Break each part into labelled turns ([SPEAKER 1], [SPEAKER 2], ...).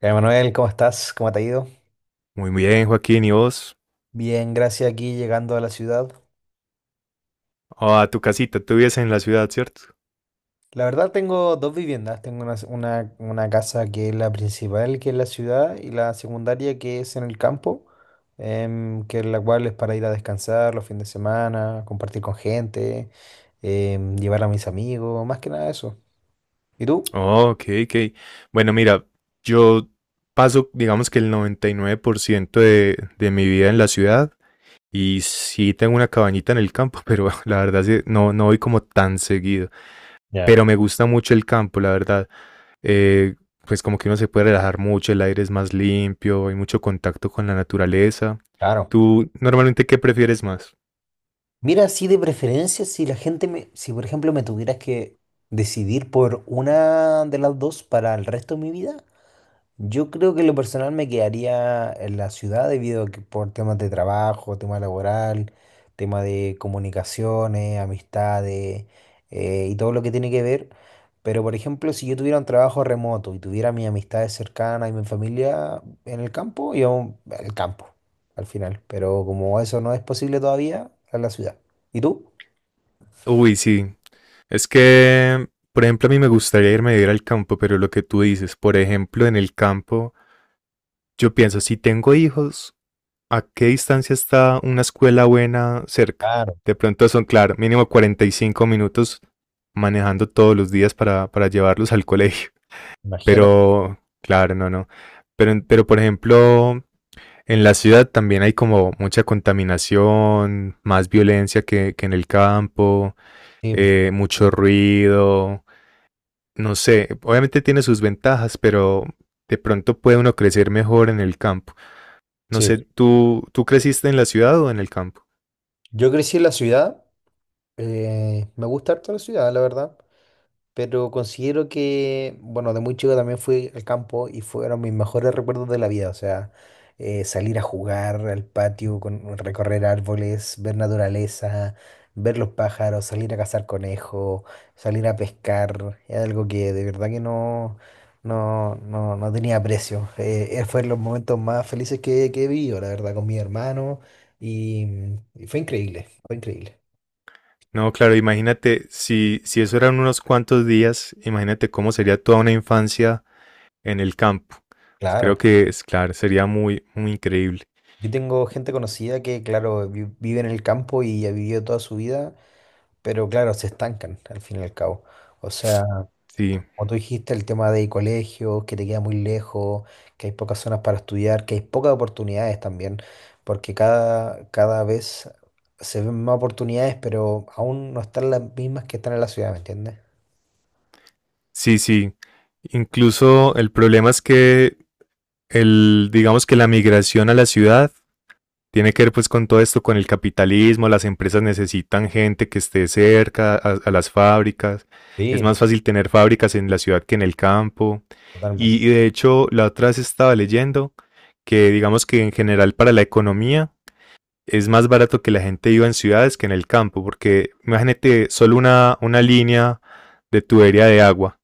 [SPEAKER 1] Ya, Manuel, ¿cómo estás? ¿Cómo te ha ido?
[SPEAKER 2] Muy bien, Joaquín, ¿y vos?
[SPEAKER 1] Bien, gracias, aquí llegando a la ciudad.
[SPEAKER 2] Oh, a tu casita, tú vives en la ciudad, ¿cierto?
[SPEAKER 1] La verdad, tengo dos viviendas. Tengo una casa que es la principal, que es la ciudad, y la secundaria que es en el campo, que es la cual es para ir a descansar los fines de semana, compartir con gente, llevar a mis amigos, más que nada eso. ¿Y tú?
[SPEAKER 2] Oh, ok, ok. Bueno, mira, yo paso, digamos que el 99% de, mi vida en la ciudad, y sí tengo una cabañita en el campo, pero la verdad sí, no, no voy como tan seguido.
[SPEAKER 1] Ya.
[SPEAKER 2] Pero me gusta mucho el campo, la verdad. Eh, pues como que uno se puede relajar mucho, el aire es más limpio, hay mucho contacto con la naturaleza.
[SPEAKER 1] Claro.
[SPEAKER 2] ¿Tú normalmente qué prefieres más?
[SPEAKER 1] Mira, así de preferencia, si la gente me, si por ejemplo me tuvieras que decidir por una de las dos para el resto de mi vida. Yo creo que en lo personal me quedaría en la ciudad debido a que por temas de trabajo, tema laboral, tema de comunicaciones, amistades, y todo lo que tiene que ver. Pero, por ejemplo, si yo tuviera un trabajo remoto y tuviera mis amistades cercanas y mi familia en el campo, yo al campo al final. Pero como eso no es posible todavía, a la ciudad. ¿Y tú?
[SPEAKER 2] Uy, sí. Es que, por ejemplo, a mí me gustaría irme a vivir al campo, pero lo que tú dices, por ejemplo, en el campo, yo pienso, si tengo hijos, ¿a qué distancia está una escuela buena cerca?
[SPEAKER 1] Claro,
[SPEAKER 2] De pronto son, claro, mínimo 45 minutos manejando todos los días para, llevarlos al colegio.
[SPEAKER 1] imagínate.
[SPEAKER 2] Pero, claro, no, no. Por ejemplo, en la ciudad también hay como mucha contaminación, más violencia que, en el campo,
[SPEAKER 1] Sí,
[SPEAKER 2] mucho ruido, no sé, obviamente tiene sus ventajas, pero de pronto puede uno crecer mejor en el campo. No sé,
[SPEAKER 1] sí.
[SPEAKER 2] ¿tú creciste en la ciudad o en el campo?
[SPEAKER 1] Yo crecí en la ciudad, me gusta harto la ciudad, la verdad. Pero considero que, bueno, de muy chico también fui al campo y fueron mis mejores recuerdos de la vida. O sea, salir a jugar al patio, con, recorrer árboles, ver naturaleza, ver los pájaros, salir a cazar conejos, salir a pescar. Es algo que de verdad que no tenía precio. Fue los momentos más felices que he vivido, la verdad, con mi hermano. Y, y fue increíble, fue increíble.
[SPEAKER 2] No, claro, imagínate, si, eso eran unos cuantos días, imagínate cómo sería toda una infancia en el campo. Pues
[SPEAKER 1] Claro.
[SPEAKER 2] creo que es claro, sería muy, muy increíble.
[SPEAKER 1] Yo tengo gente conocida que, claro, vive en el campo y ha vivido toda su vida, pero claro, se estancan al fin y al cabo. O sea,
[SPEAKER 2] Sí,
[SPEAKER 1] como tú dijiste, el tema de colegios, que te queda muy lejos, que hay pocas zonas para estudiar, que hay pocas oportunidades también, porque cada, cada vez se ven más oportunidades, pero aún no están las mismas que están en la ciudad, ¿me entiendes?
[SPEAKER 2] sí, sí. Incluso el problema es que el, digamos que la migración a la ciudad tiene que ver pues con todo esto, con el capitalismo, las empresas necesitan gente que esté cerca a, las fábricas, es
[SPEAKER 1] Sí,
[SPEAKER 2] más fácil tener fábricas en la ciudad que en el campo.
[SPEAKER 1] totalmente.
[SPEAKER 2] Y de hecho, la otra vez estaba leyendo que digamos que en general para la economía es más barato que la gente viva en ciudades que en el campo, porque imagínate solo una, línea de tubería de agua.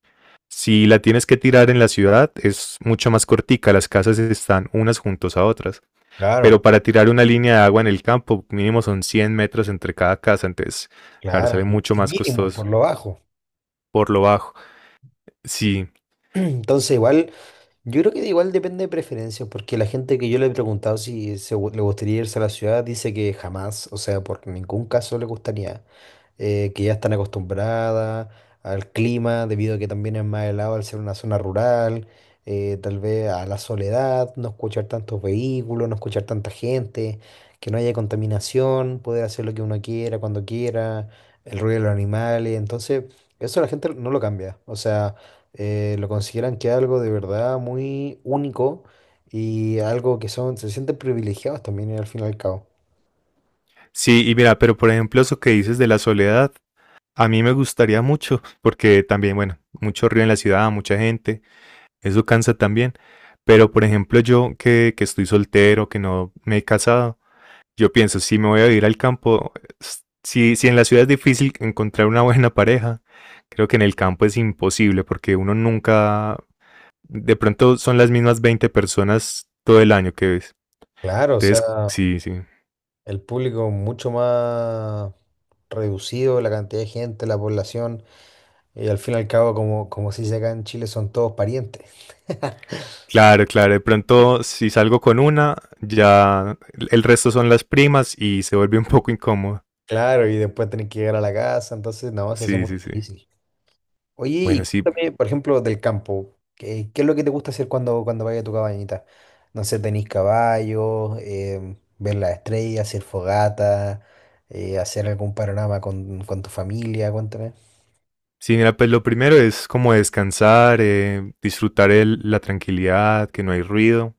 [SPEAKER 2] Si la tienes que tirar en la ciudad, es mucho más cortica, las casas están unas juntas a otras, pero
[SPEAKER 1] Claro,
[SPEAKER 2] para tirar una línea de agua en el campo mínimo son 100 metros entre cada casa. Entonces, claro,
[SPEAKER 1] claro,
[SPEAKER 2] sale
[SPEAKER 1] y,
[SPEAKER 2] mucho
[SPEAKER 1] y
[SPEAKER 2] más
[SPEAKER 1] mínimo, por
[SPEAKER 2] costoso
[SPEAKER 1] lo bajo.
[SPEAKER 2] por lo bajo. Sí,
[SPEAKER 1] Entonces, igual. Yo creo que igual depende de preferencias, porque la gente que yo le he preguntado si le gustaría irse a la ciudad dice que jamás, o sea, por ningún caso le gustaría, que ya están acostumbradas al clima, debido a que también es más helado al ser una zona rural, tal vez a la soledad, no escuchar tantos vehículos, no escuchar tanta gente, que no haya contaminación, poder hacer lo que uno quiera, cuando quiera, el ruido de los animales, entonces eso la gente no lo cambia, o sea, lo consideran que es algo de verdad muy único y algo que son, se sienten privilegiados también, al fin y al cabo.
[SPEAKER 2] sí, y mira, pero por ejemplo eso que dices de la soledad, a mí me gustaría mucho, porque también, bueno, mucho río en la ciudad, mucha gente, eso cansa también. Pero por ejemplo yo que, estoy soltero, que no me he casado, yo pienso, si me voy a ir al campo, si, en la ciudad es difícil encontrar una buena pareja, creo que en el campo es imposible, porque uno nunca, de pronto son las mismas 20 personas todo el año que ves.
[SPEAKER 1] Claro, o
[SPEAKER 2] Entonces,
[SPEAKER 1] sea,
[SPEAKER 2] sí, sí.
[SPEAKER 1] el público mucho más reducido, la cantidad de gente, la población, y al fin y al cabo, como, como se dice acá en Chile, son todos parientes.
[SPEAKER 2] Claro, claro. De pronto, si salgo con una, ya el resto son las primas y se vuelve un poco incómodo.
[SPEAKER 1] Claro, y después tenés que llegar a la casa, entonces no, se hace
[SPEAKER 2] Sí,
[SPEAKER 1] muy
[SPEAKER 2] sí, sí.
[SPEAKER 1] difícil. Oye, y
[SPEAKER 2] Bueno, sí.
[SPEAKER 1] cuéntame, por ejemplo, del campo. ¿Qué es lo que te gusta hacer cuando, cuando vayas a tu cabañita? No sé, tenéis caballos, ver las estrellas, hacer fogata, hacer algún panorama con tu familia, cuéntame.
[SPEAKER 2] Sí, mira, pues lo primero es como descansar, disfrutar el- la tranquilidad, que no hay ruido.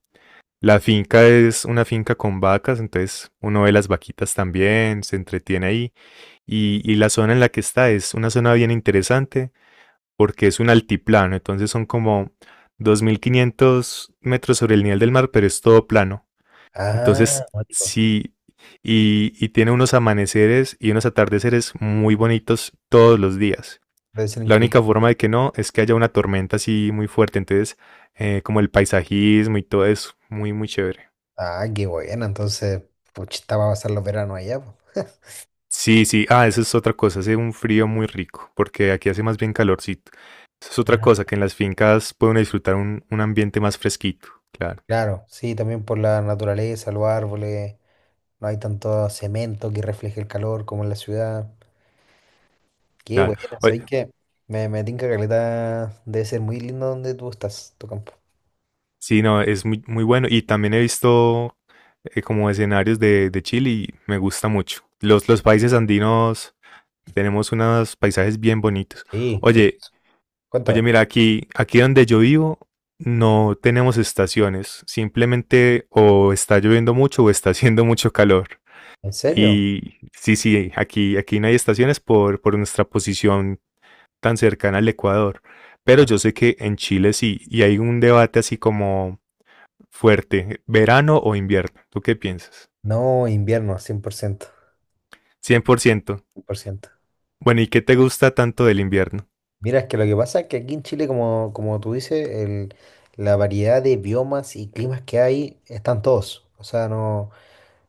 [SPEAKER 2] La finca es una finca con vacas, entonces uno ve las vaquitas también, se entretiene ahí. Y la zona en la que está es una zona bien interesante, porque es un altiplano, entonces son como 2.500 metros sobre el nivel del mar, pero es todo plano. Entonces,
[SPEAKER 1] Ah, cuático.
[SPEAKER 2] sí, y tiene unos amaneceres y unos atardeceres muy bonitos todos los días.
[SPEAKER 1] Debe ser
[SPEAKER 2] La única
[SPEAKER 1] increíble.
[SPEAKER 2] forma de que no es que haya una tormenta así muy fuerte. Entonces, como el paisajismo y todo eso, muy, muy chévere.
[SPEAKER 1] Ah, qué bueno, entonces, pues estaba a pasar los veranos allá, pues.
[SPEAKER 2] Sí, sí, ah, eso es otra cosa, hace un frío muy rico, porque aquí hace más bien calorcito. Eso es otra
[SPEAKER 1] Ajá.
[SPEAKER 2] cosa, que en las fincas pueden disfrutar un ambiente más fresquito, claro.
[SPEAKER 1] Claro, sí, también por la naturaleza, los árboles, no hay tanto cemento que refleje el calor como en la ciudad. Qué
[SPEAKER 2] Claro.
[SPEAKER 1] bueno,
[SPEAKER 2] Oye,
[SPEAKER 1] sabes que me tinca caleta. Debe ser muy lindo donde tú estás, tu campo.
[SPEAKER 2] sí, no, es muy, muy bueno. Y también he visto como escenarios de, Chile y me gusta mucho. Los países andinos tenemos unos paisajes bien bonitos.
[SPEAKER 1] Sí,
[SPEAKER 2] Oye,
[SPEAKER 1] precioso.
[SPEAKER 2] oye,
[SPEAKER 1] Cuéntame.
[SPEAKER 2] mira, aquí, donde yo vivo no tenemos estaciones. Simplemente o está lloviendo mucho o está haciendo mucho calor.
[SPEAKER 1] ¿En serio?
[SPEAKER 2] Y sí, sí, aquí, no hay estaciones por, nuestra posición tan cercana al Ecuador. Pero
[SPEAKER 1] Ah,
[SPEAKER 2] yo sé que en Chile sí, y hay un debate así como fuerte, verano o invierno. ¿Tú qué piensas?
[SPEAKER 1] no, invierno, 100%,
[SPEAKER 2] 100%.
[SPEAKER 1] 100%.
[SPEAKER 2] Bueno, ¿y qué te gusta tanto del invierno?
[SPEAKER 1] Mira, es que lo que pasa es que aquí en Chile, como, como tú dices, la variedad de biomas y climas que hay están todos. O sea, no.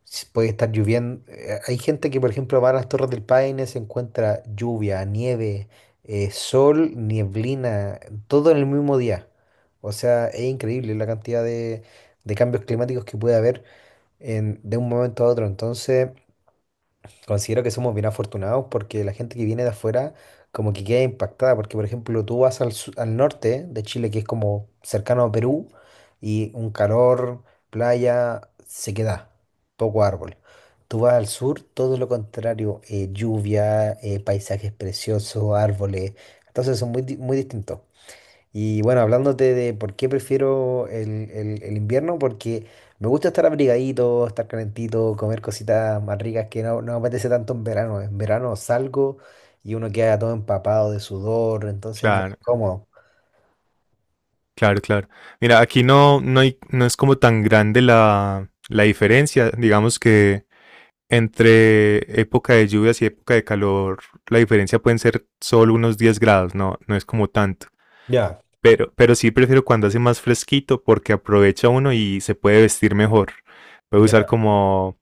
[SPEAKER 1] Puede estar lloviendo. Hay gente que, por ejemplo, va a las Torres del Paine, se encuentra lluvia, nieve, sol, nieblina, todo en el mismo día. O sea, es increíble la cantidad de cambios climáticos que puede haber de un momento a otro. Entonces, considero que somos bien afortunados porque la gente que viene de afuera como que queda impactada, porque por ejemplo tú vas al, al norte de Chile, que es como cercano a Perú, y un calor, playa, sequedad, poco árbol. Tú vas al sur, todo lo contrario, lluvia, paisajes preciosos, árboles, entonces son muy, muy distintos. Y bueno, hablándote de por qué prefiero el invierno, porque me gusta estar abrigadito, estar calentito, comer cositas más ricas que no me apetece tanto en verano. En verano salgo y uno queda todo empapado de sudor, entonces es más
[SPEAKER 2] Claro,
[SPEAKER 1] incómodo.
[SPEAKER 2] claro, claro. Mira, aquí no, no, hay- no es como tan grande la, la diferencia. Digamos que entre época de lluvias y época de calor, la diferencia pueden ser solo unos 10 grados, no, no es como tanto.
[SPEAKER 1] Ya,
[SPEAKER 2] Pero sí prefiero cuando hace más fresquito porque aprovecha uno y se puede vestir mejor. Puede usar
[SPEAKER 1] ya.
[SPEAKER 2] como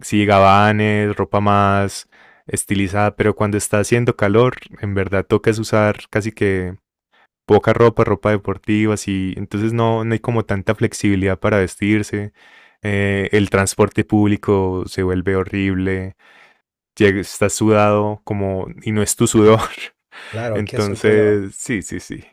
[SPEAKER 2] sí, gabanes, ropa más estilizada, pero cuando está haciendo calor, en verdad toca es usar casi que poca ropa, ropa deportiva, así, entonces no, no hay como tanta flexibilidad para vestirse. El transporte público se vuelve horrible, llega- estás sudado como y no es tu sudor.
[SPEAKER 1] Claro, es que eso es el problema.
[SPEAKER 2] Entonces, sí, sí, sí,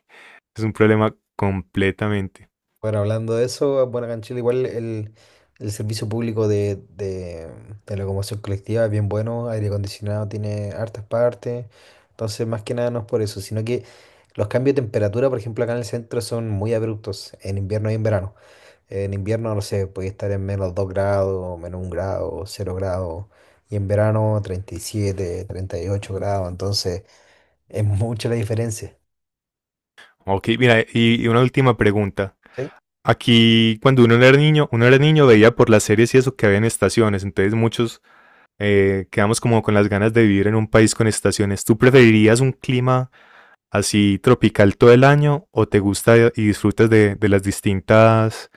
[SPEAKER 2] es un problema completamente.
[SPEAKER 1] Bueno, hablando de eso, bueno, acá en Chile igual el servicio público de locomoción colectiva es bien bueno, aire acondicionado tiene hartas partes, entonces más que nada no es por eso, sino que los cambios de temperatura, por ejemplo, acá en el centro son muy abruptos, en invierno y en verano. En invierno, no sé, puede estar en -2 grados, -1 grado, 0 grados, y en verano 30 37 38 grados, entonces es mucha la diferencia.
[SPEAKER 2] Ok, mira, y una última pregunta.
[SPEAKER 1] ¿Sí?
[SPEAKER 2] Aquí, cuando uno era niño, veía por las series y eso que había en estaciones. Entonces muchos quedamos como con las ganas de vivir en un país con estaciones. ¿Tú preferirías un clima así tropical todo el año o te gusta y disfrutas de, las distintas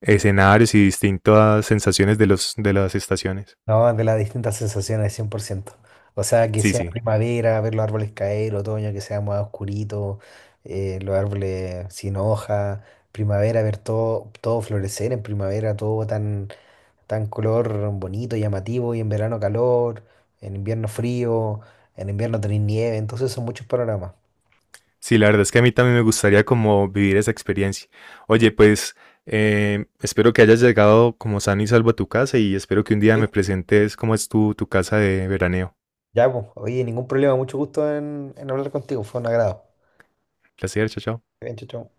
[SPEAKER 2] escenarios y distintas sensaciones de, los, de las estaciones?
[SPEAKER 1] No, de las distintas sensaciones, 100%. O sea, que
[SPEAKER 2] Sí,
[SPEAKER 1] sea
[SPEAKER 2] sí.
[SPEAKER 1] primavera, ver los árboles caer, otoño, que sea más oscurito, los árboles sin hoja, primavera, ver todo, todo florecer en primavera, todo tan, tan color bonito, llamativo, y en verano calor, en invierno frío, en invierno tener nieve, entonces son muchos panoramas.
[SPEAKER 2] Sí, la verdad es que a mí también me gustaría como vivir esa experiencia. Oye, pues espero que hayas llegado como sano y salvo a tu casa y espero que un día
[SPEAKER 1] Sí,
[SPEAKER 2] me presentes cómo es tu, tu casa de veraneo.
[SPEAKER 1] ya, pues, oye, ningún problema, mucho gusto en hablar contigo, fue un agrado.
[SPEAKER 2] Placer, chao, chao.
[SPEAKER 1] Bien, chau, chau.